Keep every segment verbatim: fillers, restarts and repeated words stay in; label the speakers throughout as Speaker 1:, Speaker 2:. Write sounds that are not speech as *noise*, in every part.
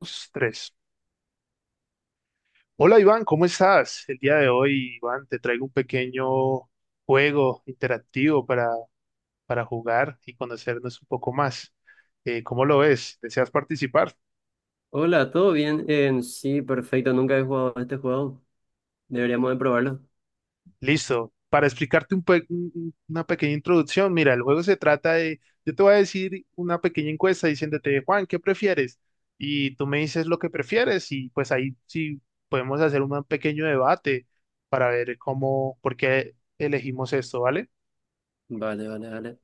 Speaker 1: Dos, tres. Hola Iván, ¿cómo estás? El día de hoy, Iván, te traigo un pequeño juego interactivo para, para jugar y conocernos un poco más. Eh, ¿cómo lo ves? ¿Deseas participar?
Speaker 2: Hola, ¿todo bien? Eh, sí, perfecto, nunca he jugado a este juego. Deberíamos de probarlo.
Speaker 1: Listo. Para explicarte un pe- un- un- una pequeña introducción, mira, el juego se trata de, yo te voy a decir una pequeña encuesta diciéndote, Juan, ¿qué prefieres? Y tú me dices lo que prefieres y pues ahí sí podemos hacer un pequeño debate para ver cómo, por qué elegimos esto, ¿vale?
Speaker 2: Vale, vale, vale.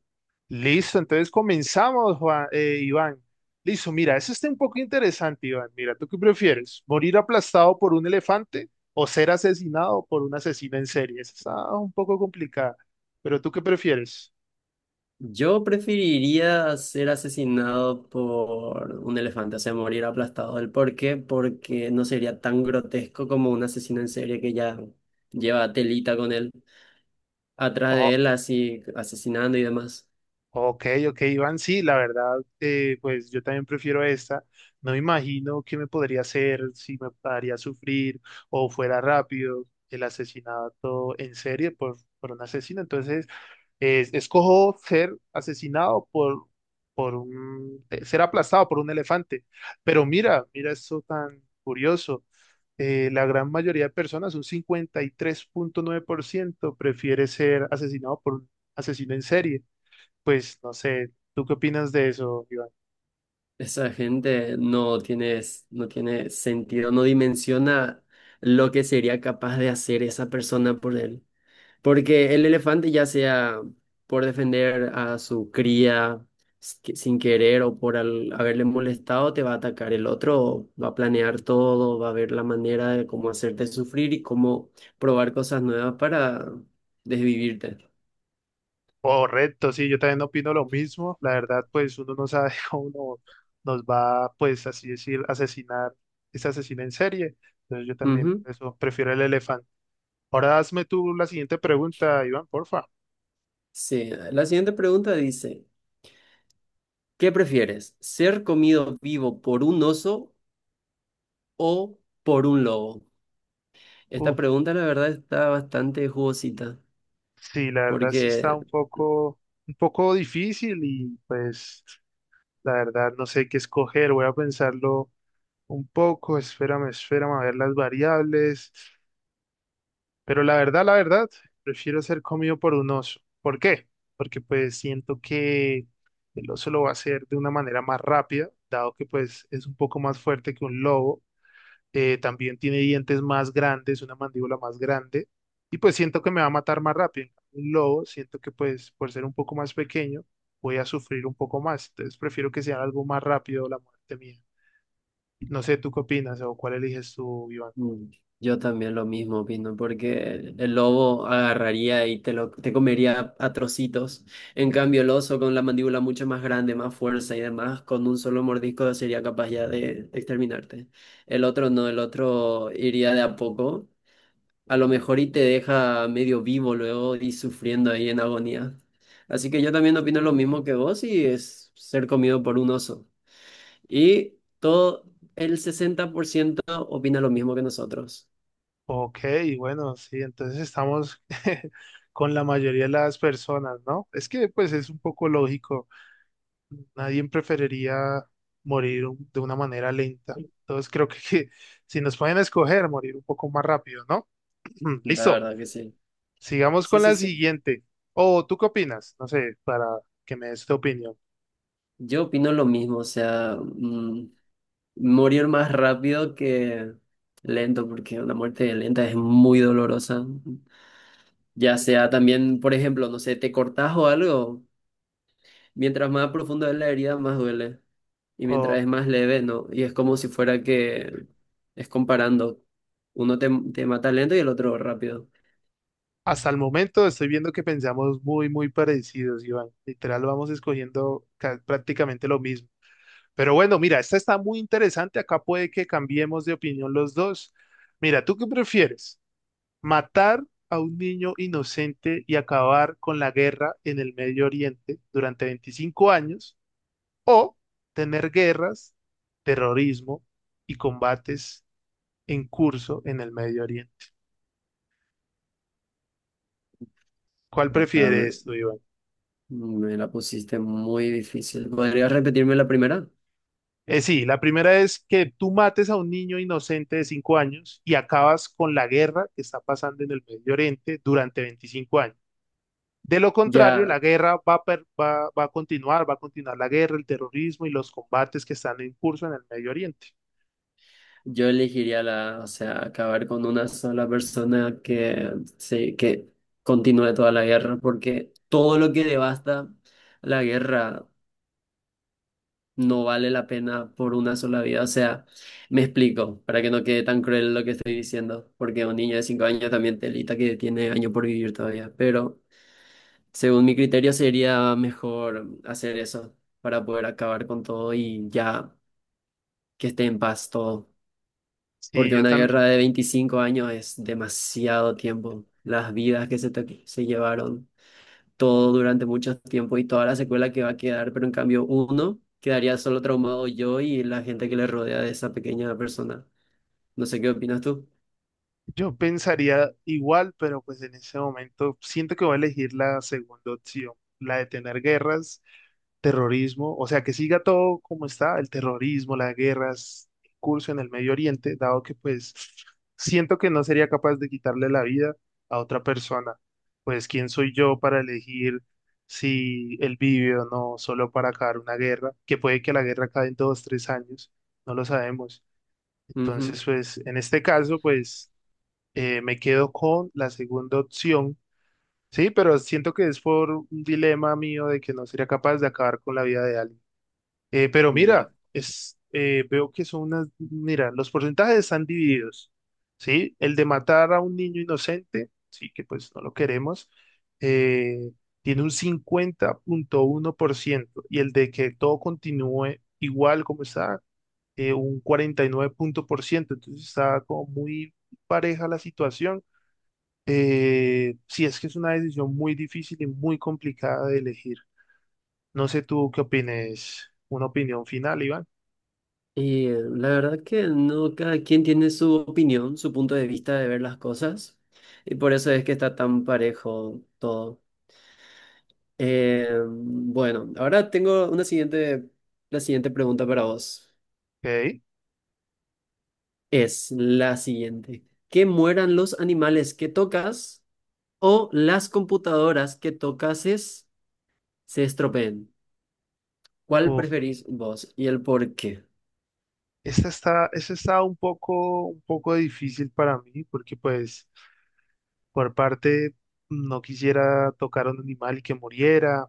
Speaker 1: Listo, entonces comenzamos, Juan, eh, Iván. Listo, mira, eso está un poco interesante, Iván. Mira, ¿tú qué prefieres? ¿Morir aplastado por un elefante o ser asesinado por un asesino en serie? Esa está un poco complicada, pero ¿tú qué prefieres?
Speaker 2: Yo preferiría ser asesinado por un elefante, o sea, morir aplastado. ¿El por qué? Porque no sería tan grotesco como un asesino en serie que ya lleva telita con él, atrás
Speaker 1: Oh,
Speaker 2: de él así asesinando y demás.
Speaker 1: ok, ok, Iván, sí, la verdad, eh, pues yo también prefiero esta. No me imagino qué me podría hacer, si me haría sufrir o fuera rápido el asesinato en serie por, por un asesino. Entonces, es- escojo ser asesinado por, por un, eh, ser aplastado por un elefante. Pero mira, mira esto tan curioso. Eh, la gran mayoría de personas, un cincuenta y tres punto nueve por ciento prefiere ser asesinado por un asesino en serie. Pues no sé, ¿tú qué opinas de eso, Iván?
Speaker 2: Esa gente no tiene, no tiene sentido, no dimensiona lo que sería capaz de hacer esa persona por él. Porque el elefante, ya sea por defender a su cría s- que- sin querer o por al- haberle molestado, te va a atacar. El otro va a planear todo, va a ver la manera de cómo hacerte sufrir y cómo probar cosas nuevas para desvivirte.
Speaker 1: Correcto, sí, yo también opino lo mismo. La verdad, pues uno no sabe *laughs* cómo uno nos va, pues así decir, asesinar, ese asesino en serie. Entonces yo también
Speaker 2: Ujú.
Speaker 1: por eso prefiero el elefante. Ahora hazme tú la siguiente pregunta, Iván, porfa.
Speaker 2: Sí, la siguiente pregunta dice, ¿qué prefieres? ¿Ser comido vivo por un oso o por un lobo? Esta
Speaker 1: Uf,
Speaker 2: pregunta, la verdad, está bastante jugosita.
Speaker 1: sí, la verdad sí está
Speaker 2: Porque
Speaker 1: un poco, un poco difícil y pues la verdad no sé qué escoger. Voy a pensarlo un poco, espérame, espérame a ver las variables. Pero la verdad, la verdad, prefiero ser comido por un oso. ¿Por qué? Porque pues siento que el oso lo va a hacer de una manera más rápida, dado que pues es un poco más fuerte que un lobo, eh, también tiene dientes más grandes, una mandíbula más grande, y pues siento que me va a matar más rápido. En cambio, un lobo, siento que pues por ser un poco más pequeño, voy a sufrir un poco más, entonces prefiero que sea algo más rápido la muerte mía. No sé, ¿tú qué opinas o cuál eliges tú, Iván?
Speaker 2: Mm, Yo también lo mismo opino, porque el el lobo agarraría y te lo te comería a trocitos. En cambio, el oso con la mandíbula mucho más grande, más fuerza y demás, con un solo mordisco sería capaz ya de exterminarte. El otro no, el otro iría de a poco, a lo mejor y te deja medio vivo luego y sufriendo ahí en agonía. Así que yo también opino lo mismo que vos y es ser comido por un oso. Y todo el sesenta por ciento opina lo mismo que nosotros.
Speaker 1: Ok, bueno, sí, entonces estamos *laughs* con la mayoría de las personas, ¿no? Es que pues es un poco lógico. Nadie preferiría morir un- de una manera lenta. Entonces creo que, que si nos pueden escoger, morir un poco más rápido, ¿no? *clears throat*
Speaker 2: La
Speaker 1: Listo.
Speaker 2: verdad que sí.
Speaker 1: Sigamos
Speaker 2: Sí,
Speaker 1: con
Speaker 2: sí,
Speaker 1: la
Speaker 2: sí.
Speaker 1: siguiente. O ¿tú qué opinas? No sé, para que me des tu opinión.
Speaker 2: Yo opino lo mismo, o sea, mm, morir más rápido que lento, porque una muerte lenta es muy dolorosa. Ya sea también, por ejemplo, no sé, te cortas o algo, mientras más profundo es la herida, más duele. Y
Speaker 1: O
Speaker 2: mientras es más leve, ¿no? Y es como si fuera que es comparando. Uno te, te mata lento y el otro rápido.
Speaker 1: hasta el momento estoy viendo que pensamos muy, muy parecidos, Iván. Literal, vamos escogiendo ca- prácticamente lo mismo. Pero bueno, mira, esta está muy interesante. Acá puede que cambiemos de opinión los dos. Mira, ¿tú qué prefieres? Matar a un niño inocente y acabar con la guerra en el Medio Oriente durante veinticinco años o tener guerras, terrorismo y combates en curso en el Medio Oriente. ¿Cuál
Speaker 2: Acá me,
Speaker 1: prefieres tú, Iván?
Speaker 2: me la pusiste muy difícil. ¿Podrías repetirme la primera?
Speaker 1: Eh, sí, la primera es que tú mates a un niño inocente de cinco años y acabas con la guerra que está pasando en el Medio Oriente durante veinticinco años. De lo contrario,
Speaker 2: Ya.
Speaker 1: la guerra va a, per- va, va a continuar, va a continuar la guerra, el terrorismo y los combates que están en curso en el Medio Oriente.
Speaker 2: Yo elegiría la, o sea, acabar con una sola persona que, se- que continúe toda la guerra, porque todo lo que devasta la guerra no vale la pena por una sola vida. O sea, me explico, para que no quede tan cruel lo que estoy diciendo, porque un niño de cinco años también telita que tiene años por vivir todavía, pero según mi criterio sería mejor hacer eso para poder acabar con todo y ya que esté en paz todo.
Speaker 1: Sí,
Speaker 2: Porque
Speaker 1: yo
Speaker 2: una
Speaker 1: también,
Speaker 2: guerra de veinticinco años es demasiado tiempo. Las vidas que se, te- se llevaron, todo durante mucho tiempo y toda la secuela que va a quedar, pero en cambio uno quedaría solo traumado yo y la gente que le rodea de esa pequeña persona. No sé qué opinas tú.
Speaker 1: yo pensaría igual, pero pues en ese momento siento que voy a elegir la segunda opción, la de tener guerras, terrorismo, o sea, que siga todo como está, el terrorismo, las guerras, el curso en el Medio Oriente, dado que pues siento que no sería capaz de quitarle la vida a otra persona. Pues quién soy yo para elegir si él vive o no, solo para acabar una guerra, que puede que la guerra acabe en dos, tres años, no lo sabemos.
Speaker 2: Ujú,
Speaker 1: Entonces, pues en este caso, pues eh, me quedo con la segunda opción. Sí, pero siento que es por un dilema mío de que no sería capaz de acabar con la vida de alguien. Eh, pero
Speaker 2: ya.
Speaker 1: mira, es, eh, veo que son unas, mira, los porcentajes están divididos, ¿sí? El de matar a un niño inocente, sí, que pues no lo queremos, eh, tiene un cincuenta punto uno por ciento y el de que todo continúe igual como está, eh, un cuarenta y nueve punto por ciento. Entonces está como muy pareja la situación. Eh, sí, es que es una decisión muy difícil y muy complicada de elegir. No sé tú qué opines, una opinión final, Iván.
Speaker 2: Y eh, la verdad que no, cada quien tiene su opinión, su punto de vista de ver las cosas, y por eso es que está tan parejo todo. Eh, bueno, ahora tengo una siguiente, la siguiente pregunta para vos.
Speaker 1: Ok.
Speaker 2: Es la siguiente. ¿Que mueran los animales que tocas o las computadoras que tocases se estropeen? ¿Cuál
Speaker 1: Uf,
Speaker 2: preferís vos y el por qué?
Speaker 1: esta está, esta está un poco, un poco difícil para mí, porque pues por parte no quisiera tocar a un animal y que muriera,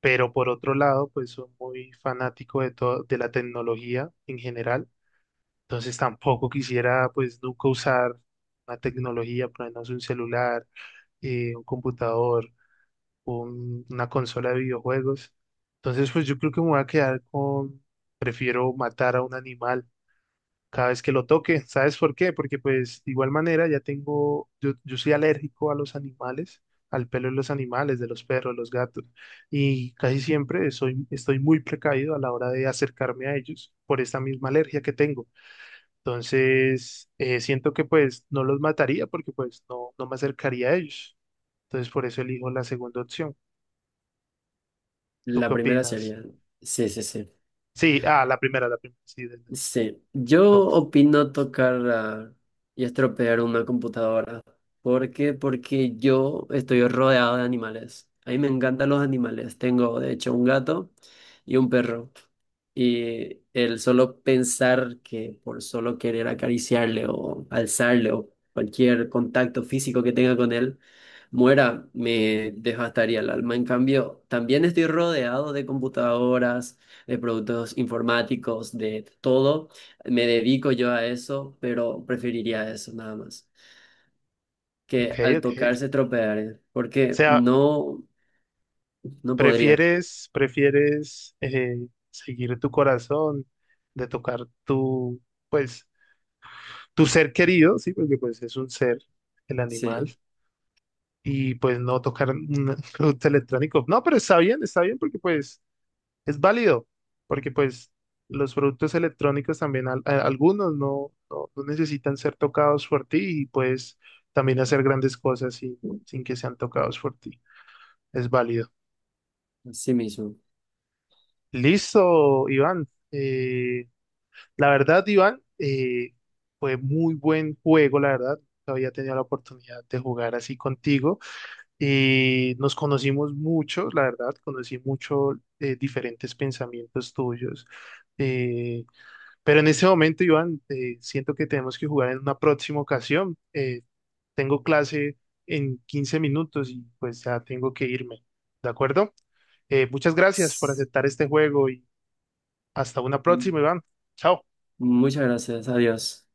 Speaker 1: pero por otro lado, pues soy muy fanático de todo, de la tecnología en general, entonces tampoco quisiera pues nunca usar una tecnología, por lo menos un celular, eh, un computador, un- una consola de videojuegos. Entonces, pues yo creo que me voy a quedar con, prefiero matar a un animal cada vez que lo toque. ¿Sabes por qué? Porque pues de igual manera ya tengo, yo, yo soy alérgico a los animales, al pelo de los animales, de los perros, los gatos, y casi siempre soy, estoy muy precavido a la hora de acercarme a ellos por esta misma alergia que tengo. Entonces, eh, siento que pues no los mataría porque pues no, no me acercaría a ellos. Entonces, por eso elijo la segunda opción. ¿Tú
Speaker 2: La
Speaker 1: qué
Speaker 2: primera
Speaker 1: opinas?
Speaker 2: sería. Sí, sí, sí.
Speaker 1: Sí, ah, la primera, la primera, sí, del del
Speaker 2: Sí, yo
Speaker 1: toque.
Speaker 2: opino tocar ah, y estropear una computadora. ¿Por qué? Porque yo estoy rodeado de animales. A mí me encantan los animales. Tengo, de hecho, un gato y un perro. Y el solo pensar que por solo querer acariciarle o alzarle o cualquier contacto físico que tenga con él, muera, me devastaría el alma. En cambio, también estoy rodeado de computadoras de productos informáticos, de todo. Me dedico yo a eso, pero preferiría eso nada más.
Speaker 1: Ok,
Speaker 2: Que al
Speaker 1: ok. O
Speaker 2: tocar se tropear, ¿eh? Porque
Speaker 1: sea,
Speaker 2: no, no podría.
Speaker 1: ¿Prefieres, prefieres eh, seguir tu corazón, de tocar tu, pues, tu ser querido, sí, porque pues es un ser, el
Speaker 2: Sí,
Speaker 1: animal, y pues no tocar un *laughs* producto electrónico? No, pero está bien, está bien, porque pues es válido, porque pues los productos electrónicos también, al- a- algunos no, no, no necesitan ser tocados por ti y pues también hacer grandes cosas sin, sin que sean tocados por ti. Es válido.
Speaker 2: así mismo.
Speaker 1: Listo, Iván. Eh, La verdad, Iván, eh, fue muy buen juego, la verdad. Había tenido la oportunidad de jugar así contigo. Eh, nos conocimos mucho, la verdad, conocí mucho, eh, diferentes pensamientos tuyos. Eh, pero en este momento, Iván, eh, siento que tenemos que jugar en una próxima ocasión. Eh, tengo clase en quince minutos y pues ya tengo que irme. ¿De acuerdo? Eh, muchas gracias por
Speaker 2: S-
Speaker 1: aceptar este juego y hasta una próxima, Iván. Chao.
Speaker 2: Muchas gracias, adiós.